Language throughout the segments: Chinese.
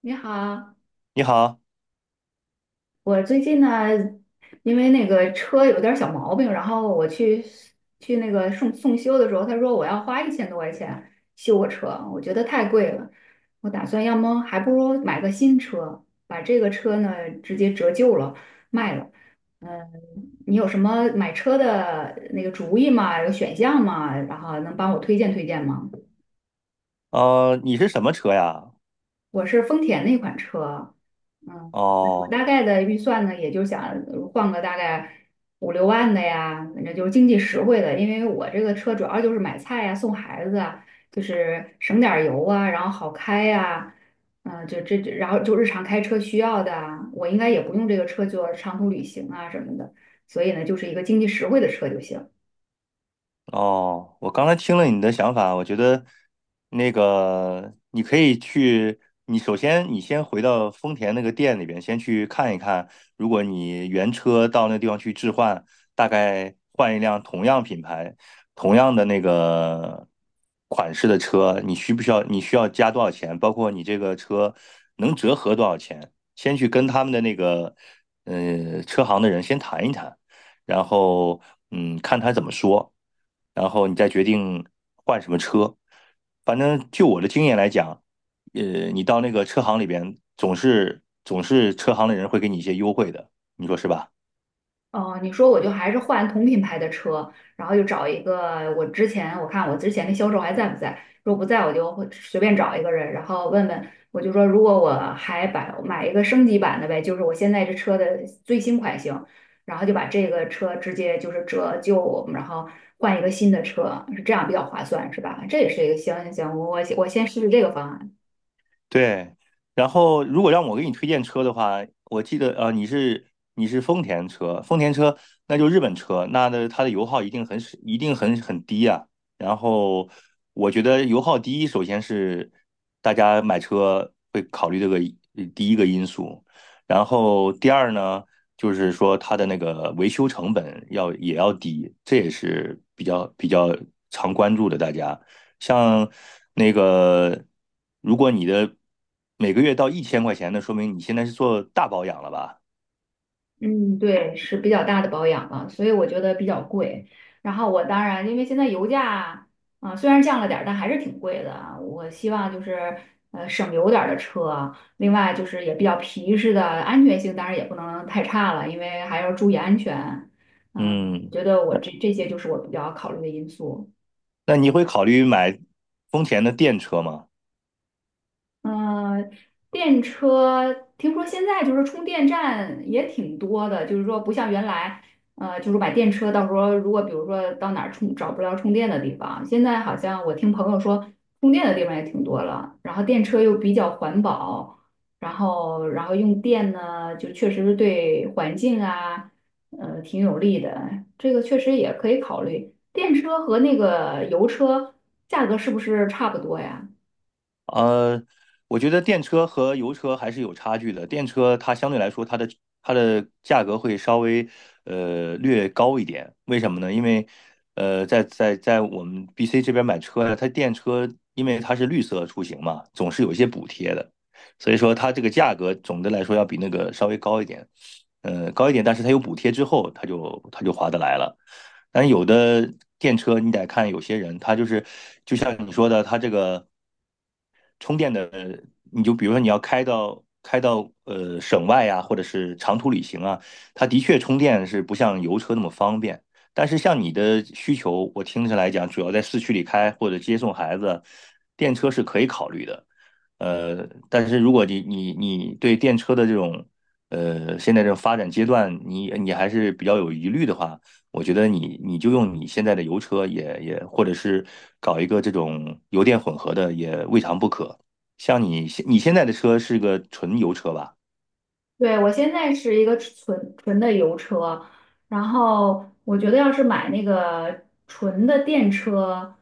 你好，你好，我最近呢，因为那个车有点儿小毛病，然后我去那个送修的时候，他说我要花一千多块钱修我车，我觉得太贵了，我打算要么还不如买个新车，把这个车呢直接折旧了卖了。嗯，你有什么买车的那个主意吗？有选项吗？然后能帮我推荐推荐吗？你是什么车呀？我是丰田那款车，嗯，我哦，大概的预算呢，也就想换个大概五六万的呀，反正就是经济实惠的，因为我这个车主要就是买菜呀、送孩子啊，就是省点儿油啊，然后好开呀、这然后就日常开车需要的啊，我应该也不用这个车做长途旅行啊什么的，所以呢，就是一个经济实惠的车就行。哦，我刚才听了你的想法，我觉得那个你可以去，你首先你先回到丰田那个店里边，先去看一看，如果你原车到那地方去置换，大概换一辆同样品牌、同样的那个款式的车，你需不需要？你需要加多少钱？包括你这个车能折合多少钱？先去跟他们的那个车行的人先谈一谈。然后嗯，看他怎么说，然后你再决定换什么车。反正就我的经验来讲，呃，你到那个车行里边，总是车行的人会给你一些优惠的，你说是吧？哦，你说我就还是换同品牌的车，然后就找一个我之前的销售还在不在，如果不在我就会随便找一个人，然后问问，我就说如果我还把买一个升级版的呗，就是我现在这车的最新款型，然后就把这个车直接就是折旧，然后换一个新的车，是这样比较划算是吧？这也是一个行行行，我先试试这个方案。对，然后如果让我给你推荐车的话，我记得你是丰田车，丰田车那就日本车，那的它的油耗一定很低啊。然后我觉得油耗低，首先是大家买车会考虑这个第一个因素，然后第二呢，就是说它的那个维修成本要也要低，这也是比较常关注的大家。像那个，如果你的每个月到一千块钱，那说明你现在是做大保养了吧？嗯，对，是比较大的保养了，所以我觉得比较贵。然后我当然，因为现在油价啊，虽然降了点儿但还是挺贵的啊。我希望就是省油点儿的车，另外就是也比较皮实的，安全性当然也不能太差了，因为还要注意安全。嗯，我嗯，觉得我这些就是我比较考虑的因素。那你会考虑买丰田的电车吗？嗯，电车听说现在就是充电站也挺多的，就是说不像原来，就是把电车，到时候如果比如说到哪儿充找不着充电的地方，现在好像我听朋友说充电的地方也挺多了，然后电车又比较环保，然后用电呢，就确实是对环境啊，挺有利的，这个确实也可以考虑。电车和那个油车价格是不是差不多呀？呃，我觉得电车和油车还是有差距的。电车它相对来说，它的价格会稍微略高一点。为什么呢？因为在我们 BC 这边买车呀，它电车因为它是绿色出行嘛，总是有一些补贴的，所以说它这个价格总的来说要比那个稍微高一点，高一点。但是它有补贴之后，它就划得来了。但有的电车你得看有些人，他就是就像你说的，他这个。充电的，你就比如说你要开到省外啊，或者是长途旅行啊，它的确充电是不像油车那么方便。但是像你的需求，我听起来讲，主要在市区里开或者接送孩子，电车是可以考虑的。但是如果你对电车的这种现在这种发展阶段，你还是比较有疑虑的话，我觉得你就用你现在的油车，或者是搞一个这种油电混合的也未尝不可。像你现在的车是个纯油车吧？对，我现在是一个纯的油车，然后我觉得要是买那个纯的电车，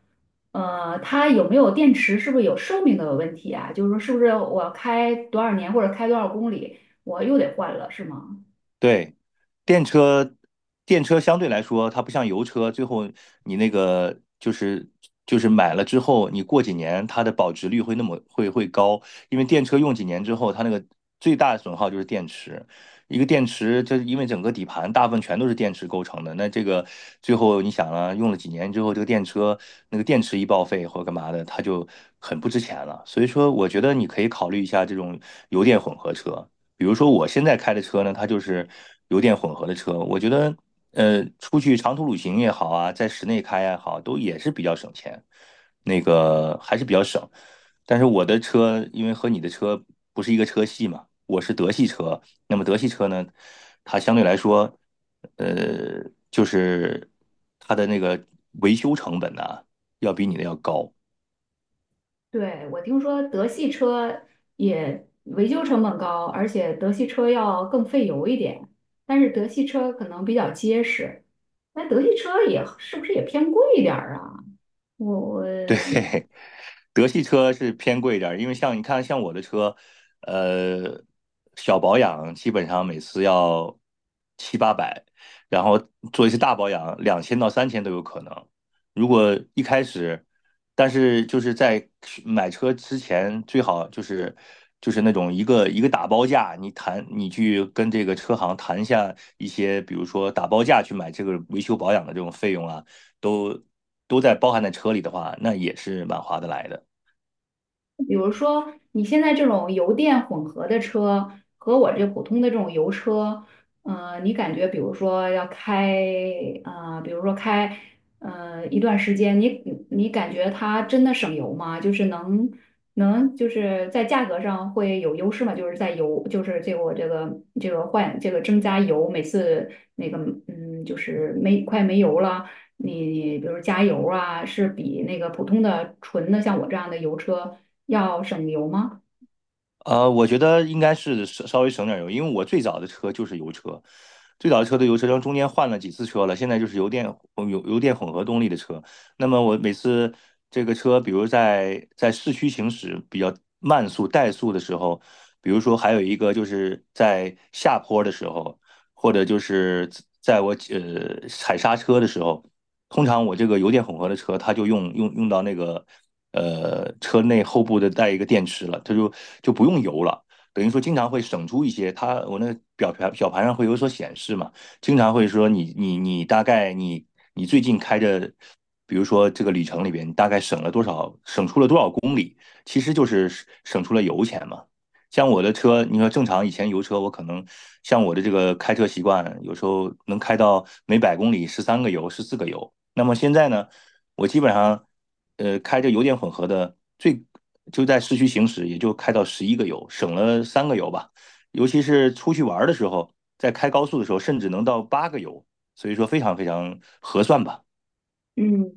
它有没有电池，是不是有寿命的问题啊？就是说，是不是我开多少年或者开多少公里，我又得换了，是吗？对，电车，电车相对来说，它不像油车，最后你那个就是买了之后，你过几年它的保值率会那么会高，因为电车用几年之后，它那个最大的损耗就是电池，一个电池就是因为整个底盘大部分全都是电池构成的，那这个最后你想啊，用了几年之后，这个电车那个电池一报废或者干嘛的，它就很不值钱了，所以说我觉得你可以考虑一下这种油电混合车。比如说我现在开的车呢，它就是油电混合的车，我觉得出去长途旅行也好啊，在室内开也好，都也是比较省钱，那个还是比较省。但是我的车因为和你的车不是一个车系嘛，我是德系车，那么德系车呢，它相对来说，呃，就是它的那个维修成本呢、要比你的要高。对，我听说德系车也维修成本高，而且德系车要更费油一点，但是德系车可能比较结实，那德系车也是不是也偏贵一点儿啊？我对，我。德系车是偏贵一点因为像你看，像我的车，呃，小保养基本上每次要七八百，然后做一些大保养，两千到三千都有可能。如果一开始，但是就是在买车之前，最好就是就是那种一个一个打包价，你谈你去跟这个车行谈一下一些，比如说打包价去买这个维修保养的这种费用啊，都都在包含在车里的话，那也是蛮划得来的。比如说，你现在这种油电混合的车和我这普通的这种油车，你感觉比如说要开，比如说开，一段时间，你感觉它真的省油吗？就是能就是在价格上会有优势吗？就是在油，就是这个我这个这个换这个增加油，每次那个就是没快没油了。你比如加油啊，是比那个普通的纯的像我这样的油车要省油吗？我觉得应该是稍稍微省点油，因为我最早的车就是油车，最早的车都油车，然后中间换了几次车了，现在就是油电混合动力的车。那么我每次这个车，比如在市区行驶比较慢速怠速的时候，比如说还有一个就是在下坡的时候，或者就是在我踩刹车的时候，通常我这个油电混合的车，它就用到那个。车内后部的带一个电池了，它就不用油了。等于说经常会省出一些，它我那个表盘上会有所显示嘛，经常会说你大概你最近开着，比如说这个里程，你大概省了多少，省出了多少公里，其实就是省出了油钱嘛。像我的车，你说正常以前油车，我可能像我的这个开车习惯，有时候能开到每百公里十三个油、十四个油。那么现在呢，我基本上开着油电混合的最就在市区行驶，也就开到十一个油，省了三个油吧。尤其是出去玩的时候，在开高速的时候，甚至能到八个油，所以说非常非常合算吧。嗯，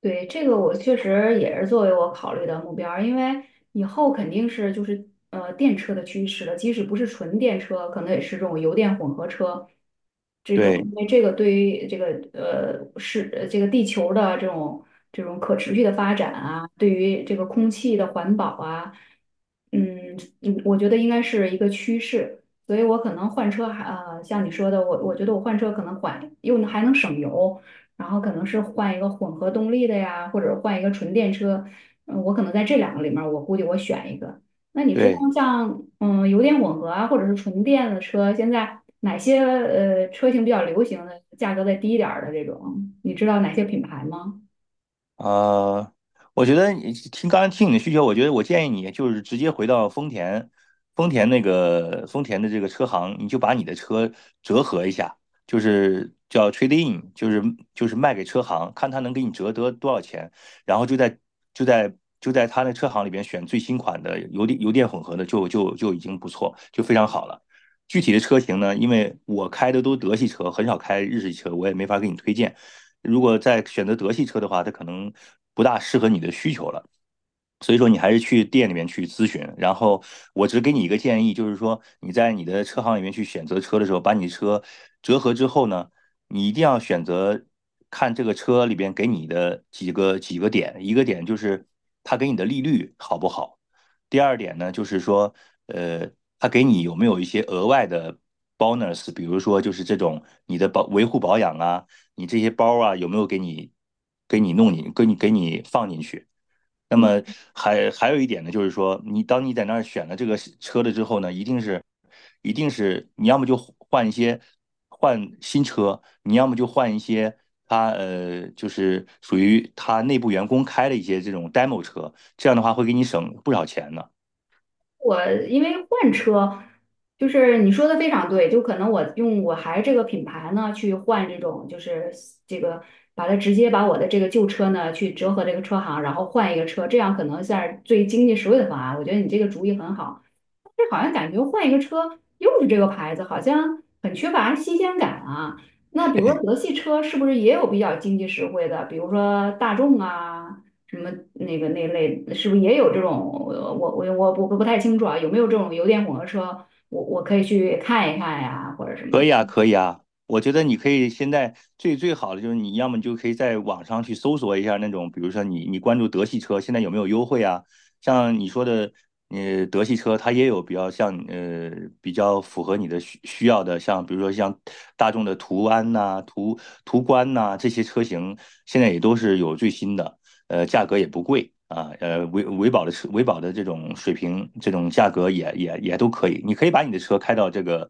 对，这个我确实也是作为我考虑的目标儿因为以后肯定是就是电车的趋势了，即使不是纯电车，可能也是这种油电混合车这种，对因为这个对于这个地球的这种可持续的发展啊，对于这个空气的环保啊，嗯嗯，我觉得应该是一个趋势，所以我可能换车还像你说的，我觉得我换车可能缓又还能省油。然后可能是换一个混合动力的呀，或者换一个纯电车。嗯，我可能在这两个里面儿我估计我选一个。那你知道对。像嗯油电混合啊，或者是纯电的车，现在哪些车型比较流行的，价格再低一点儿的这种，你知道哪些品牌吗？呃，我觉得你听刚才听你的需求，我觉得我建议你就是直接回到丰田，丰田那个丰田的这个车行，你就把你的车折合一下，就是叫 trade in，就是就是卖给车行，看他能给你折得多少钱，然后就在就在他那车行里边选最新款的油电混合的就已经不错，就非常好了。具体的车型呢，因为我开的都德系车，很少开日系车，我也没法给你推荐。如果再选择德系车的话，它可能不大适合你的需求了。所以说你还是去店里面去咨询，然后我只给你一个建议，就是说你在你的车行里面去选择车的时候，把你的车折合之后呢，你一定要选择看这个车里边给你的几个点，一个点就是它给你的利率好不好，第二点呢就是说，呃，它给你有没有一些额外的 bonus，比如说就是这种你的保维护保养啊，你这些包啊有没有给你给你弄你给你给你放进去。那么还有一点呢，就是说，你当你在那儿选了这个车了之后呢，一定是，一定是你要么就换一些换新车，你要么就换一些它就是属于它内部员工开的一些这种 demo 车，这样的话会给你省不少钱呢。我因为换车，就是你说的非常对，就可能我用我还这个品牌呢去换这种，就是这个把它直接把我的这个旧车呢去折合这个车行，然后换一个车，这样可能算是最经济实惠的方案。我觉得你这个主意很好。这好像感觉换一个车又是这个牌子，好像很缺乏新鲜感啊。那比如说德系车是不是也有比较经济实惠的？比如说大众啊，什么那个那类，是不是也有这种？我不太清楚啊，有没有这种油电混合车？我可以去看一看呀，或者什么可的。以啊，可以啊，我觉得你可以现在最最好的就是你要么就可以在网上去搜索一下那种，比如说你你关注德系车现在有没有优惠啊？像你说的，德系车它也有比较像比较符合你的需需要的，像比如说像大众的途安呐、途观呐、这些车型，现在也都是有最新的。价格也不贵啊，维维保的车，维保的这种水平，这种价格也都可以。你可以把你的车开到这个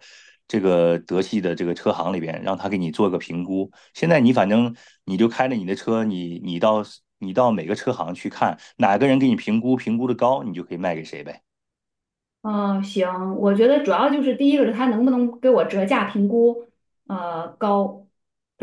这个德系的这个车行里边，让他给你做个评估。现在你反正你就开着你的车，你到每个车行去看，哪个人给你评估的高，你就可以卖给谁呗。嗯，行，我觉得主要就是第一个是他能不能给我折价评估，高，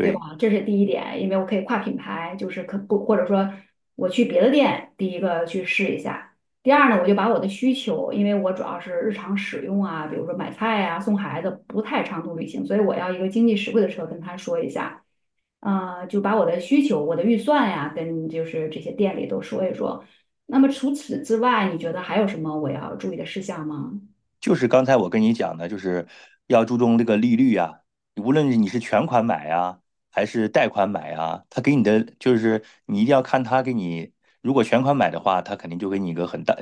对吧？这是第一点，因为我可以跨品牌，就是可不或者说我去别的店，第一个去试一下。第二呢，我就把我的需求，因为我主要是日常使用啊，比如说买菜啊、送孩子，不太长途旅行，所以我要一个经济实惠的车，跟他说一下，就把我的需求、我的预算呀，跟就是这些店里都说一说。那么除此之外，你觉得还有什么我要注意的事项吗？就是刚才我跟你讲的，就是要注重这个利率啊，无论你是全款买啊，还是贷款买啊，他给你的就是你一定要看他给你，如果全款买的话，他肯定就给你一个很大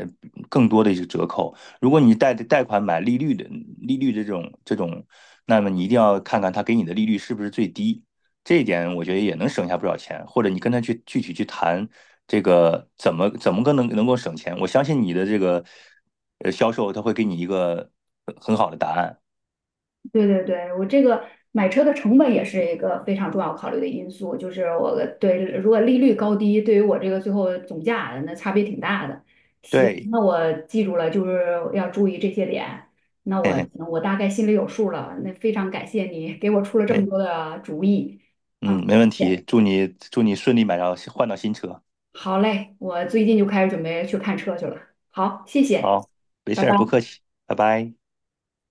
更多的一个折扣；如果你贷款买利率的这种这种，那么你一定要看看他给你的利率是不是最低。这一点我觉得也能省下不少钱，或者你跟他去具体去谈这个怎么个能够省钱，我相信你的这个销售他会给你一个很好的答案。对对对，我这个买车的成本也是一个非常重要考虑的因素，就是我的对如果利率高低，对于我这个最后总价那差别挺大的。行，对，那我记住了，就是要注意这些点。那嘿我嘿，我大概心里有数了。那非常感谢你给我出了这么没，多的主意。嗯，嗯，没感问题，谢祝你顺利买到换到新车，好嘞，我最近就开始准备去看车去了。好，谢谢，好，没拜事拜。儿，不客气，拜拜。